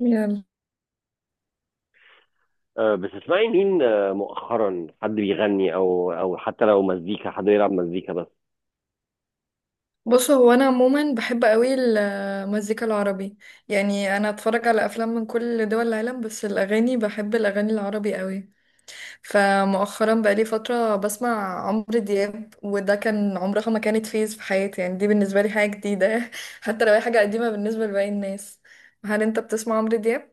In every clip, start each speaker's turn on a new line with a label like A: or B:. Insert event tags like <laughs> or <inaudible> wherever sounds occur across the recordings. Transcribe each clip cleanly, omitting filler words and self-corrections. A: يلا.
B: بتسمعي مين؟ مؤخرا حد بيغني او حتى لو مزيكا حد يلعب مزيكا بس.
A: بص، هو انا عموما بحب قوي المزيكا العربي. يعني انا اتفرج على افلام من كل دول العالم، بس الاغاني بحب الاغاني العربي قوي. فمؤخرا بقالي فتره بسمع عمرو دياب، وده كان عمرها ما كانت فيز في حياتي، يعني دي بالنسبه لي حاجه جديده. <laughs> حتى لو هي حاجه قديمه بالنسبه لباقي الناس. هل انت بتسمع عمرو دياب؟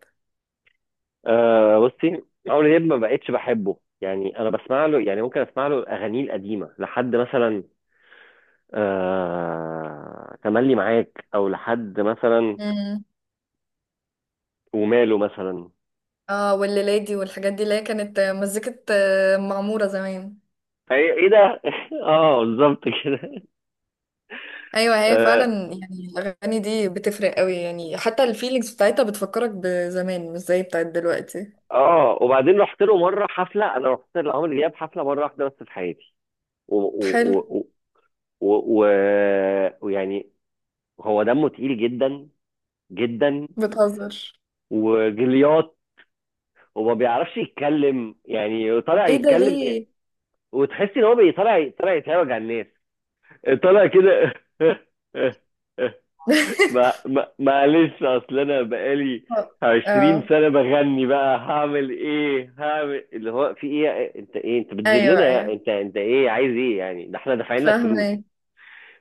B: بصي، عمرو دياب ما بقتش بحبه، يعني انا بسمع له، يعني ممكن اسمع له اغانيه القديمه لحد مثلا تملي معاك او لحد مثلا
A: امم.
B: وماله مثلا.
A: اه، والليلادي والحاجات دي اللي هي كانت مزيكه معموره زمان.
B: ايه إيه ده <laughs> اه بالظبط كده.
A: ايوه، هي
B: اه،
A: فعلا. يعني الاغاني دي بتفرق قوي، يعني حتى الفيلينجز بتاعتها بتفكرك بزمان مش زي بتاعت دلوقتي.
B: وبعدين رحت له مره حفله، انا رحت لعمرو دياب حفله مره واحده بس في حياتي. و- و-
A: حلو.
B: و- و- و- ويعني هو دمه تقيل جدا، جدا
A: بتهزر.
B: وجليات، وما بيعرفش يتكلم، يعني طالع
A: ايه ده
B: يتكلم،
A: ليه؟
B: وتحس ان هو طالع يتهاوج على الناس، طالع كده <laughs> ما
A: <laughs>
B: ما معلش، اصل انا بقالي 20
A: اه.
B: سنة بغني، بقى هعمل ايه؟ هعمل اللي هو في ايه؟ انت ايه؟ انت
A: ايوه،
B: بتذلنا؟ يا-
A: ايوه.
B: انت، انت ايه؟ عايز ايه يعني؟ ده احنا دافعين لك فلوس،
A: فاهمه.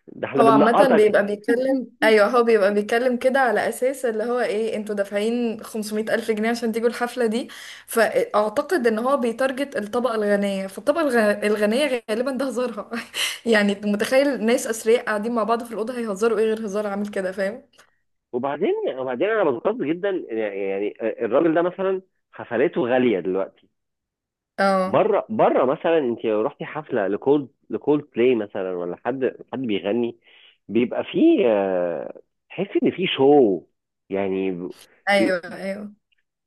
B: ده احنا
A: هو عامة
B: بننقطك
A: بيبقى بيتكلم،
B: <laughs>
A: أيوه، هو بيبقى بيتكلم كده على أساس اللي هو إيه، انتوا دافعين 500 ألف جنيه عشان تيجوا الحفلة دي. فأعتقد إن هو بيتارجت الطبقة الغنية، فالطبقة الغنية غالبا ده هزارها. <laughs> يعني متخيل ناس أثرياء قاعدين مع بعض في الأوضة هيهزروا إيه غير هزار عامل كده، فاهم؟
B: وبعدين انا بتقصد جدا، يعني الراجل ده مثلا حفلاته غاليه دلوقتي.
A: اه.
B: بره بره مثلا انت لو رحتي حفله لكولد بلاي مثلا، ولا حد بيغني، بيبقى فيه تحسي ان فيه شو يعني،
A: أيوه، أيوه.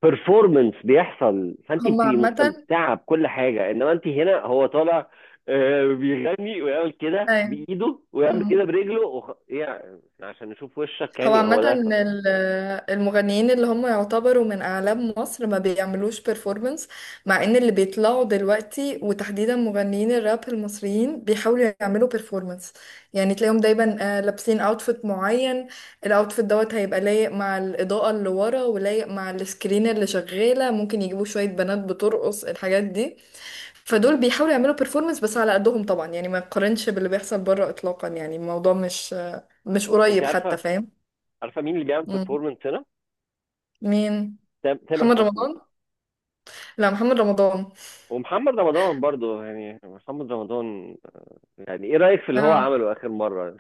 B: بيرفورمانس بيحصل، فانت
A: هما
B: بتبقي
A: عامة.
B: مستمتعه بكل حاجه. انما انت هنا هو طالع بيغني ويعمل كده بايده ويعمل
A: أيوه.
B: كده برجله يعني عشان نشوف وشك،
A: هو
B: يعني هو
A: عامة
B: ده.
A: المغنيين اللي هم يعتبروا من أعلام مصر ما بيعملوش performance. مع إن اللي بيطلعوا دلوقتي، وتحديدا مغنيين الراب المصريين، بيحاولوا يعملوا performance. يعني تلاقيهم دايما لابسين outfit معين. الاوتفيت دوت هيبقى لايق مع الإضاءة اللي ورا ولايق مع السكرين اللي شغالة، ممكن يجيبوا شوية بنات بترقص الحاجات دي. فدول بيحاولوا يعملوا performance بس على قدهم طبعا، يعني ما يقارنش باللي بيحصل بره إطلاقا، يعني الموضوع مش مش
B: انت
A: قريب حتى،
B: عارفه
A: فاهم.
B: عارفه مين اللي بيعمل بيرفورمانس هنا؟
A: مين؟
B: تامر
A: محمد
B: حسني
A: رمضان. لا محمد رمضان.
B: ومحمد رمضان برضو، يعني محمد رمضان يعني ايه رايك في اللي هو
A: اه.
B: عمله اخر مره؟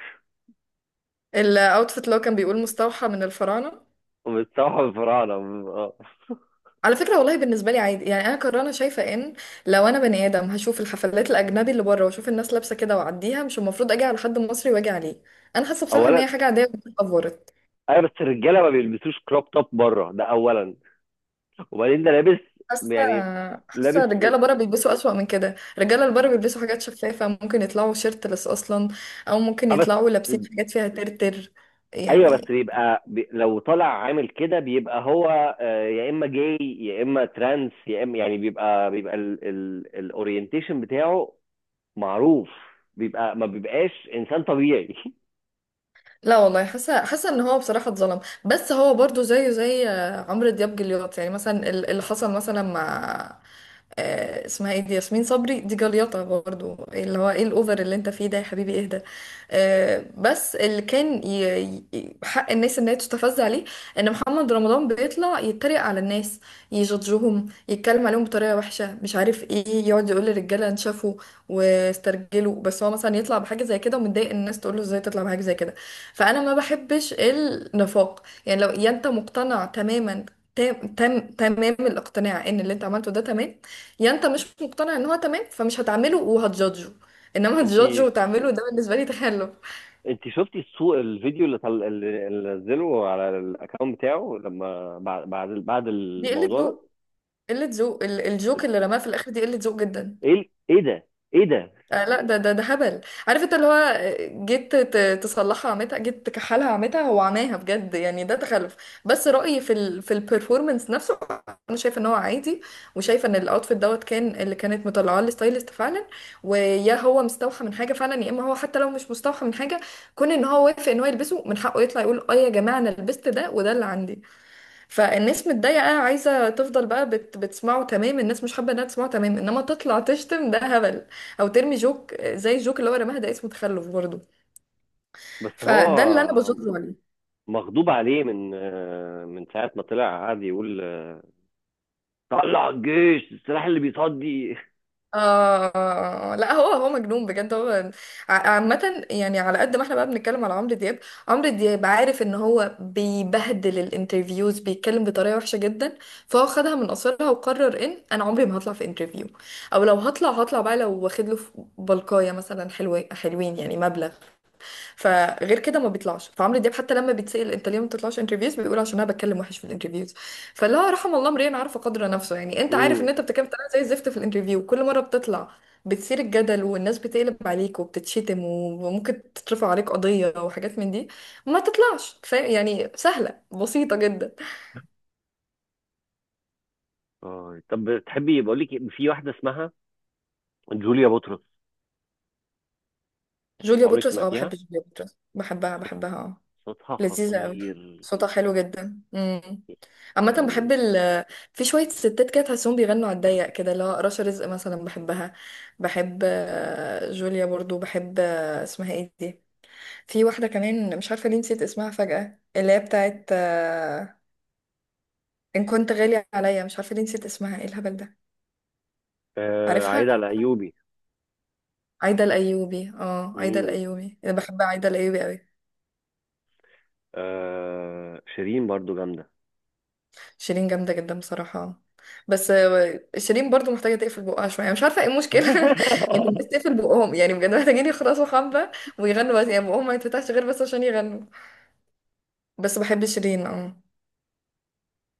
A: الاوتفيت اللي هو كان بيقول مستوحى من الفراعنه.
B: <laughs> بتصبح الفراعنه. آه.
A: على فكره، والله بالنسبه لي عادي، يعني انا كرانه شايفه ان لو انا بني ادم هشوف الحفلات الاجنبي اللي بره واشوف الناس لابسه كده واعديها، مش المفروض اجي على حد مصري واجي عليه. انا حاسه بصراحه ان
B: اولا
A: هي حاجه عاديه اتطورت.
B: ايوه، بس الرجاله ما بيلبسوش كروب توب بره، ده اولا. وبعدين ده لابس
A: حاسه.
B: يعني،
A: حاسه
B: لابس
A: الرجاله بره بيلبسوا اسوأ من كده، الرجاله اللي بره بيلبسوا حاجات شفافه، ممكن يطلعوا شيرتلس اصلا، او ممكن
B: اه، بس
A: يطلعوا لابسين حاجات فيها ترتر.
B: ايوه بس
A: يعني.
B: بيبقى بي... لو طالع عامل كده بيبقى هو يا اما جاي يا اما ترانس يا اما يعني، بيبقى الاورينتيشن بتاعه معروف، بيبقى ما بيبقاش انسان طبيعي <laughs>
A: لا والله، حاسه ان هو بصراحه اتظلم. بس هو برضو زيه زي عمرو دياب، جليات. يعني مثلا اللي حصل مثلا مع اسمها ايه دي، ياسمين صبري، دي جليطه برضو، اللي هو ايه الاوفر اللي انت فيه ده يا حبيبي اهدى. بس اللي كان حق الناس ان هي تستفز عليه، ان محمد رمضان بيطلع يتريق على الناس، يجادجهم، يتكلم عليهم بطريقه وحشه، مش عارف ايه، يقعد يقول للرجاله انشفوا واسترجلوا. بس هو مثلا يطلع بحاجه زي كده ومتضايق إن الناس تقول له ازاي تطلع بحاجه زي كده. فانا ما بحبش النفاق، يعني لو يا انت مقتنع تماما، تام تام تمام الاقتناع ان اللي انت عملته ده تمام، يا انت مش مقتنع ان هو تمام فمش هتعمله وهتجادجه، انما
B: انت
A: هتجادجه وتعمله، ده بالنسبه لي تخلف.
B: انت شفتي الفيديو اللي اللي اللي نزله على الاكونت بتاعه لما بعد
A: دي قله
B: الموضوع ده؟
A: ذوق. قله ذوق، الجوك اللي رماه في الاخر دي قله ذوق جدا.
B: ايه ال- ايه ده ايه ده؟
A: آه لا، ده هبل. عارف انت اللي هو جيت تصلحها عمتها، جيت تكحلها عمتها، هو عماها بجد، يعني ده تخلف. بس رأيي في في البرفورمانس نفسه انا شايفه ان هو عادي، وشايفه ان الاوتفيت دوت كان اللي كانت مطلعاه الستايلست فعلا، ويا هو مستوحى من حاجه فعلا يا اما هو حتى لو مش مستوحى من حاجه، كون ان هو وافق ان هو يلبسه من حقه يطلع يقول اه يا جماعه انا لبست ده وده اللي عندي. فالناس متضايقة، عايزة تفضل بقى بتسمعه تمام، الناس مش حابة انها تسمعه تمام، انما تطلع تشتم، ده هبل. او ترمي جوك زي الجوك اللي هو رماها ده، اسمه تخلف برضه.
B: بس هو
A: فده اللي انا بزوره.
B: مغضوب عليه من من ساعة ما طلع قعد يقول طلع الجيش، السلاح اللي بيصدي
A: آه لا، هو مجنون بجد. هو عامة، يعني على قد ما احنا بقى بنتكلم على عمرو دياب، عمرو دياب عارف ان هو بيبهدل الانترفيوز، بيتكلم بطريقة وحشة جدا. فهو خدها من قصرها وقرر ان انا عمري ما هطلع في انترفيو، او لو هطلع هطلع بقى لو واخد له بلقاية مثلا حلوة، حلوين يعني مبلغ. فغير كده ما بيطلعش. فعمرو دياب حتى لما بيتسأل انت ليه ما بتطلعش انترفيوز بيقول عشان انا بتكلم وحش في الانترفيوز. فاللي هو رحم الله امرئ عرف قدر نفسه، يعني
B: <laughs>
A: انت عارف
B: امم،
A: ان انت بتتكلم بطريقه زي الزفت في الانترفيو، كل مره بتطلع بتثير الجدل والناس بتقلب عليك وبتتشتم، وممكن تترفع عليك قضيه وحاجات من دي، ما تطلعش، فاهم يعني. سهله بسيطه جدا.
B: اه طب تحبي بقول لك إيه، في واحدة اسمها جوليا بطرس،
A: جوليا
B: عمرك
A: بطرس. اه بحب
B: سمعتيها؟
A: جوليا بطرس، بحبها
B: صوت-
A: بحبها اه.
B: صوتها
A: لذيذة أوي.
B: خطير
A: صوتها حلو جدا. امم. عامة بحب
B: يعني.
A: في شوية ستات كده تحسهم بيغنوا على الضيق كده، اللي هو رشا رزق مثلا بحبها. بحب جوليا برضو، بحب اسمها ايه دي، في واحدة كمان مش عارفة ليه نسيت اسمها فجأة، اللي هي بتاعت إن كنت غالي عليا. مش عارفة ليه نسيت اسمها، ايه الهبل ده.
B: آه،
A: عارفها.
B: عايد على ايوبي.
A: عايدة الأيوبي، اه عايدة
B: امم.
A: الأيوبي، أنا بحب عايدة الأيوبي أوي.
B: آه، شيرين برضو جامده
A: شيرين جامدة جدا بصراحة. بس شيرين برضو محتاجة تقفل بقها شوية، مش عارفة ايه المشكلة. <laughs> ان الناس
B: <laughs>
A: تقفل بقهم، يعني بجد محتاجين يخلصوا حبة ويغنوا بس، يعني بقهم ما يتفتحش غير بس عشان يغنوا. بس بحب شيرين اه.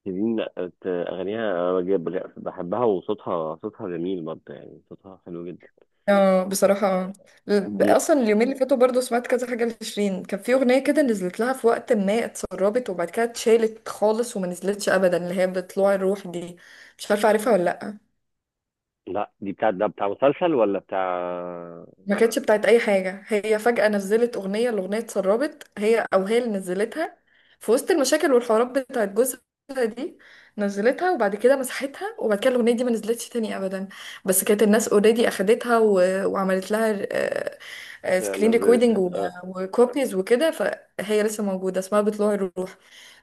B: شيرين لأ، اغانيها بحبها وصوتها، صوتها جميل برضه، يعني صوتها حلو جدا.
A: اه بصراحة اه.
B: آه، لا
A: اصلا اليومين اللي فاتوا برضو سمعت كذا حاجة لشيرين، كان في اغنية كده نزلت لها في وقت ما، اتسربت وبعد كده اتشالت خالص وما نزلتش ابدا، اللي هي بطلوع الروح دي. مش عارفة عارفها ولا لأ.
B: لا، دي بتاع ده، بتاع مسلسل ولا بتاع؟
A: ما كانتش بتاعت اي حاجه، هي فجاه نزلت الاغنيه اتسربت، هي او هي اللي نزلتها في وسط المشاكل والحوارات بتاعت جوزها دي. نزلتها وبعد كده مسحتها، وبعد كده الاغنيه دي ما نزلتش تاني ابدا. بس كانت الناس اوريدي اخدتها وعملت لها سكرين ريكوردنج
B: نزلتها، اه.
A: وكوبيز وكده، فهي لسه موجوده، اسمها بطلوع الروح.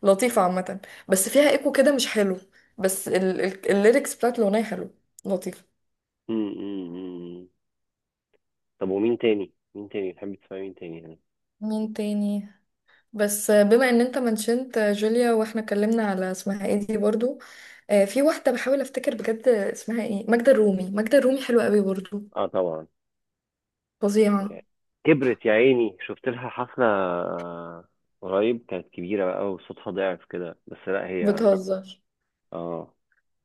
A: لطيفه عامه، بس فيها ايكو كده مش حلو. بس الليركس بتاعت الاغنيه حلو. لطيفه.
B: أمم، أمم، أمم. طب ومين تاني؟ مين تاني تحب تسمع؟ مين تاني يعني؟
A: مين تاني. بس بما ان انت منشنت جوليا، واحنا اتكلمنا على اسمها ايه دي برضو، في واحدة بحاول افتكر بجد اسمها ايه، ماجدة الرومي. ماجدة الرومي حلوة قوي برضو،
B: اه طبعا،
A: فظيعة.
B: يعني. كبرت يا عيني، شفت لها حفله قريب، كانت كبيره بقى وصوتها ضعف كده، بس لا هي
A: بتهزر.
B: اه.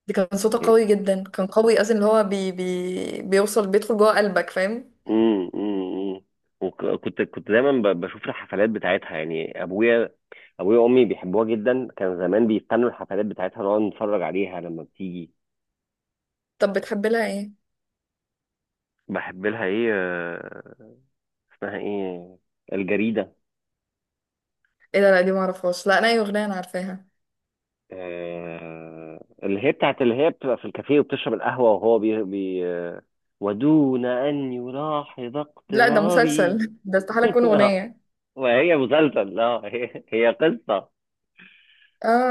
A: دي كان صوتها قوي جدا، كان قوي اصلا، اللي هو بي بي بيوصل بيدخل جوه قلبك، فاهم.
B: امم، امم. وكنت دايما بشوف الحفلات بتاعتها يعني. ابويا وامي بيحبوها جدا، كان زمان بيستنوا الحفلات بتاعتها، نقعد نتفرج عليها لما بتيجي.
A: طب بتحب لها ايه؟
B: بحب لها ايه اسمها ايه، الجريده.
A: ايه ده، لا دي معرفهاش، لا انا اي اغنية انا عارفاها.
B: اللي هي بتاعت اللي هي بتبقى في الكافيه وبتشرب القهوه وهو بي, بي آه، ودون ان يلاحظ
A: لا ده
B: اقترابي
A: مسلسل. <laughs> ده استحالة
B: <laughs>
A: تكون اغنية.
B: وهي مسلسل، لا هي هي قصه.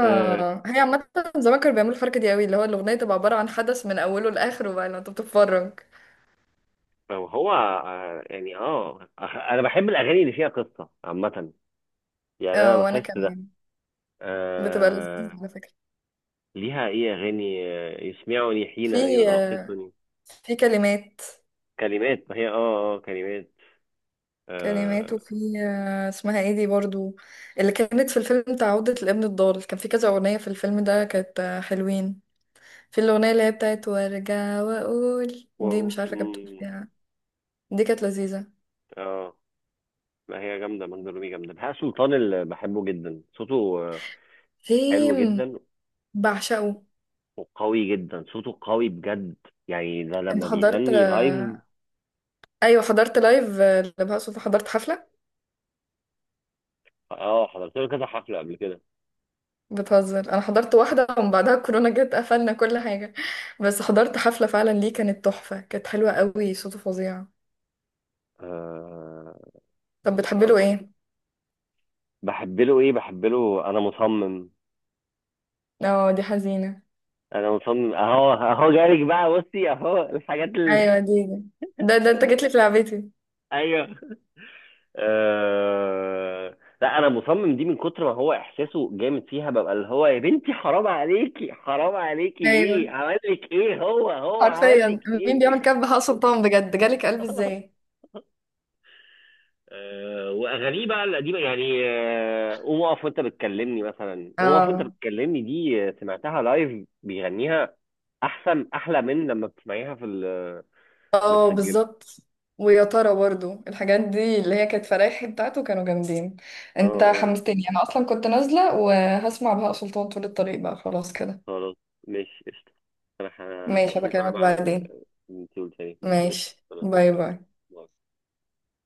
B: آه،
A: هي عامة زمان كانوا بيعملوا الحركة دي قوي، اللي هو الأغنية تبقى عبارة عن حدث من أوله لآخره، بقى لو أنت بتتفرج.
B: هو آه، يعني انا بحب الاغاني اللي فيها قصه عامه، يعني انا
A: اه، وأنا
B: بحس ده.
A: كمان، بتبقى لذيذة
B: آه،
A: على فكرة.
B: ليها ايه اغاني يسمعني حين
A: في آه،
B: يراقصني،
A: في كلمات،
B: كلمات، ما هي اه، كلمات
A: كلمات.
B: اه،
A: وفي اسمها ايه دي برضو، اللي كانت في الفيلم بتاع عودة الابن الضال، كان في كذا أغنية في الفيلم ده كانت حلوين. في الأغنية اللي هي بتاعت وارجع وأقول،
B: و...
A: دي مش عارفة كانت بتقول
B: مم،
A: فيها، دي كانت لذيذة.
B: اه ما هي جامده ماجدة الرومي، جامده. بهاء سلطان اللي بحبه جدا صوته آه، حلو
A: فيلم
B: جدا
A: بعشقه.
B: وقوي جدا، صوته قوي بجد، يعني ده
A: انت
B: لما
A: حضرت
B: بيغني لايف.
A: آه، ايوه حضرت لايف لبهاء سلطان، حضرت حفلة.
B: اه حضرت له كذا حفله قبل كده.
A: بتهزر. انا حضرت واحده ومن بعدها الكورونا جت قفلنا كل حاجه. بس حضرت حفله فعلا ليه، كانت تحفه، كانت حلوه قوي، صوته فظيع. طب بتحبي له
B: آه،
A: ايه؟
B: بحب له ايه؟ بحب له انا مصمم،
A: اه دي حزينه.
B: انا مصمم اهو، اهو جالك بقى، بصي اهو الحاجات
A: ايوه
B: اللي
A: دي دي. ده انت جيت
B: <laughs>
A: لي في لعبتي.
B: ايوه، أه... لا انا مصمم دي، من كتر ما هو احساسه جامد فيها، ببقى اللي هو يا بنتي حرام عليكي، حرام عليكي،
A: ايوه.
B: ليه عمل لك ايه؟ هو عمل لك
A: حرفيا. مين بيعمل
B: ايه؟
A: كده بهاء سلطان، بجد جالك قلب ازاي.
B: <laughs> واغانيه بقى القديمه يعني، قوم اقف وانت بتكلمني مثلا، قوم اقف وانت
A: اه
B: بتكلمني دي، سمعتها لايف بيغنيها، احسن، احلى من لما بتسمعيها في
A: اه
B: متسجله.
A: بالظبط. ويا ترى برضو الحاجات دي اللي هي كانت فرايحي بتاعته كانوا جامدين.
B: اه
A: انت
B: اه
A: حمستني، انا اصلا كنت نازله وهسمع بهاء سلطان طول الطريق بقى خلاص كده.
B: خلاص، ماشي قشطه. انا
A: ماشي
B: هشوف انا
A: بكلمك
B: بقى ال-.
A: بعدين.
B: انت قلت ايه؟
A: ماشي
B: قشطه خلاص،
A: باي
B: يلا،
A: باي.
B: باي.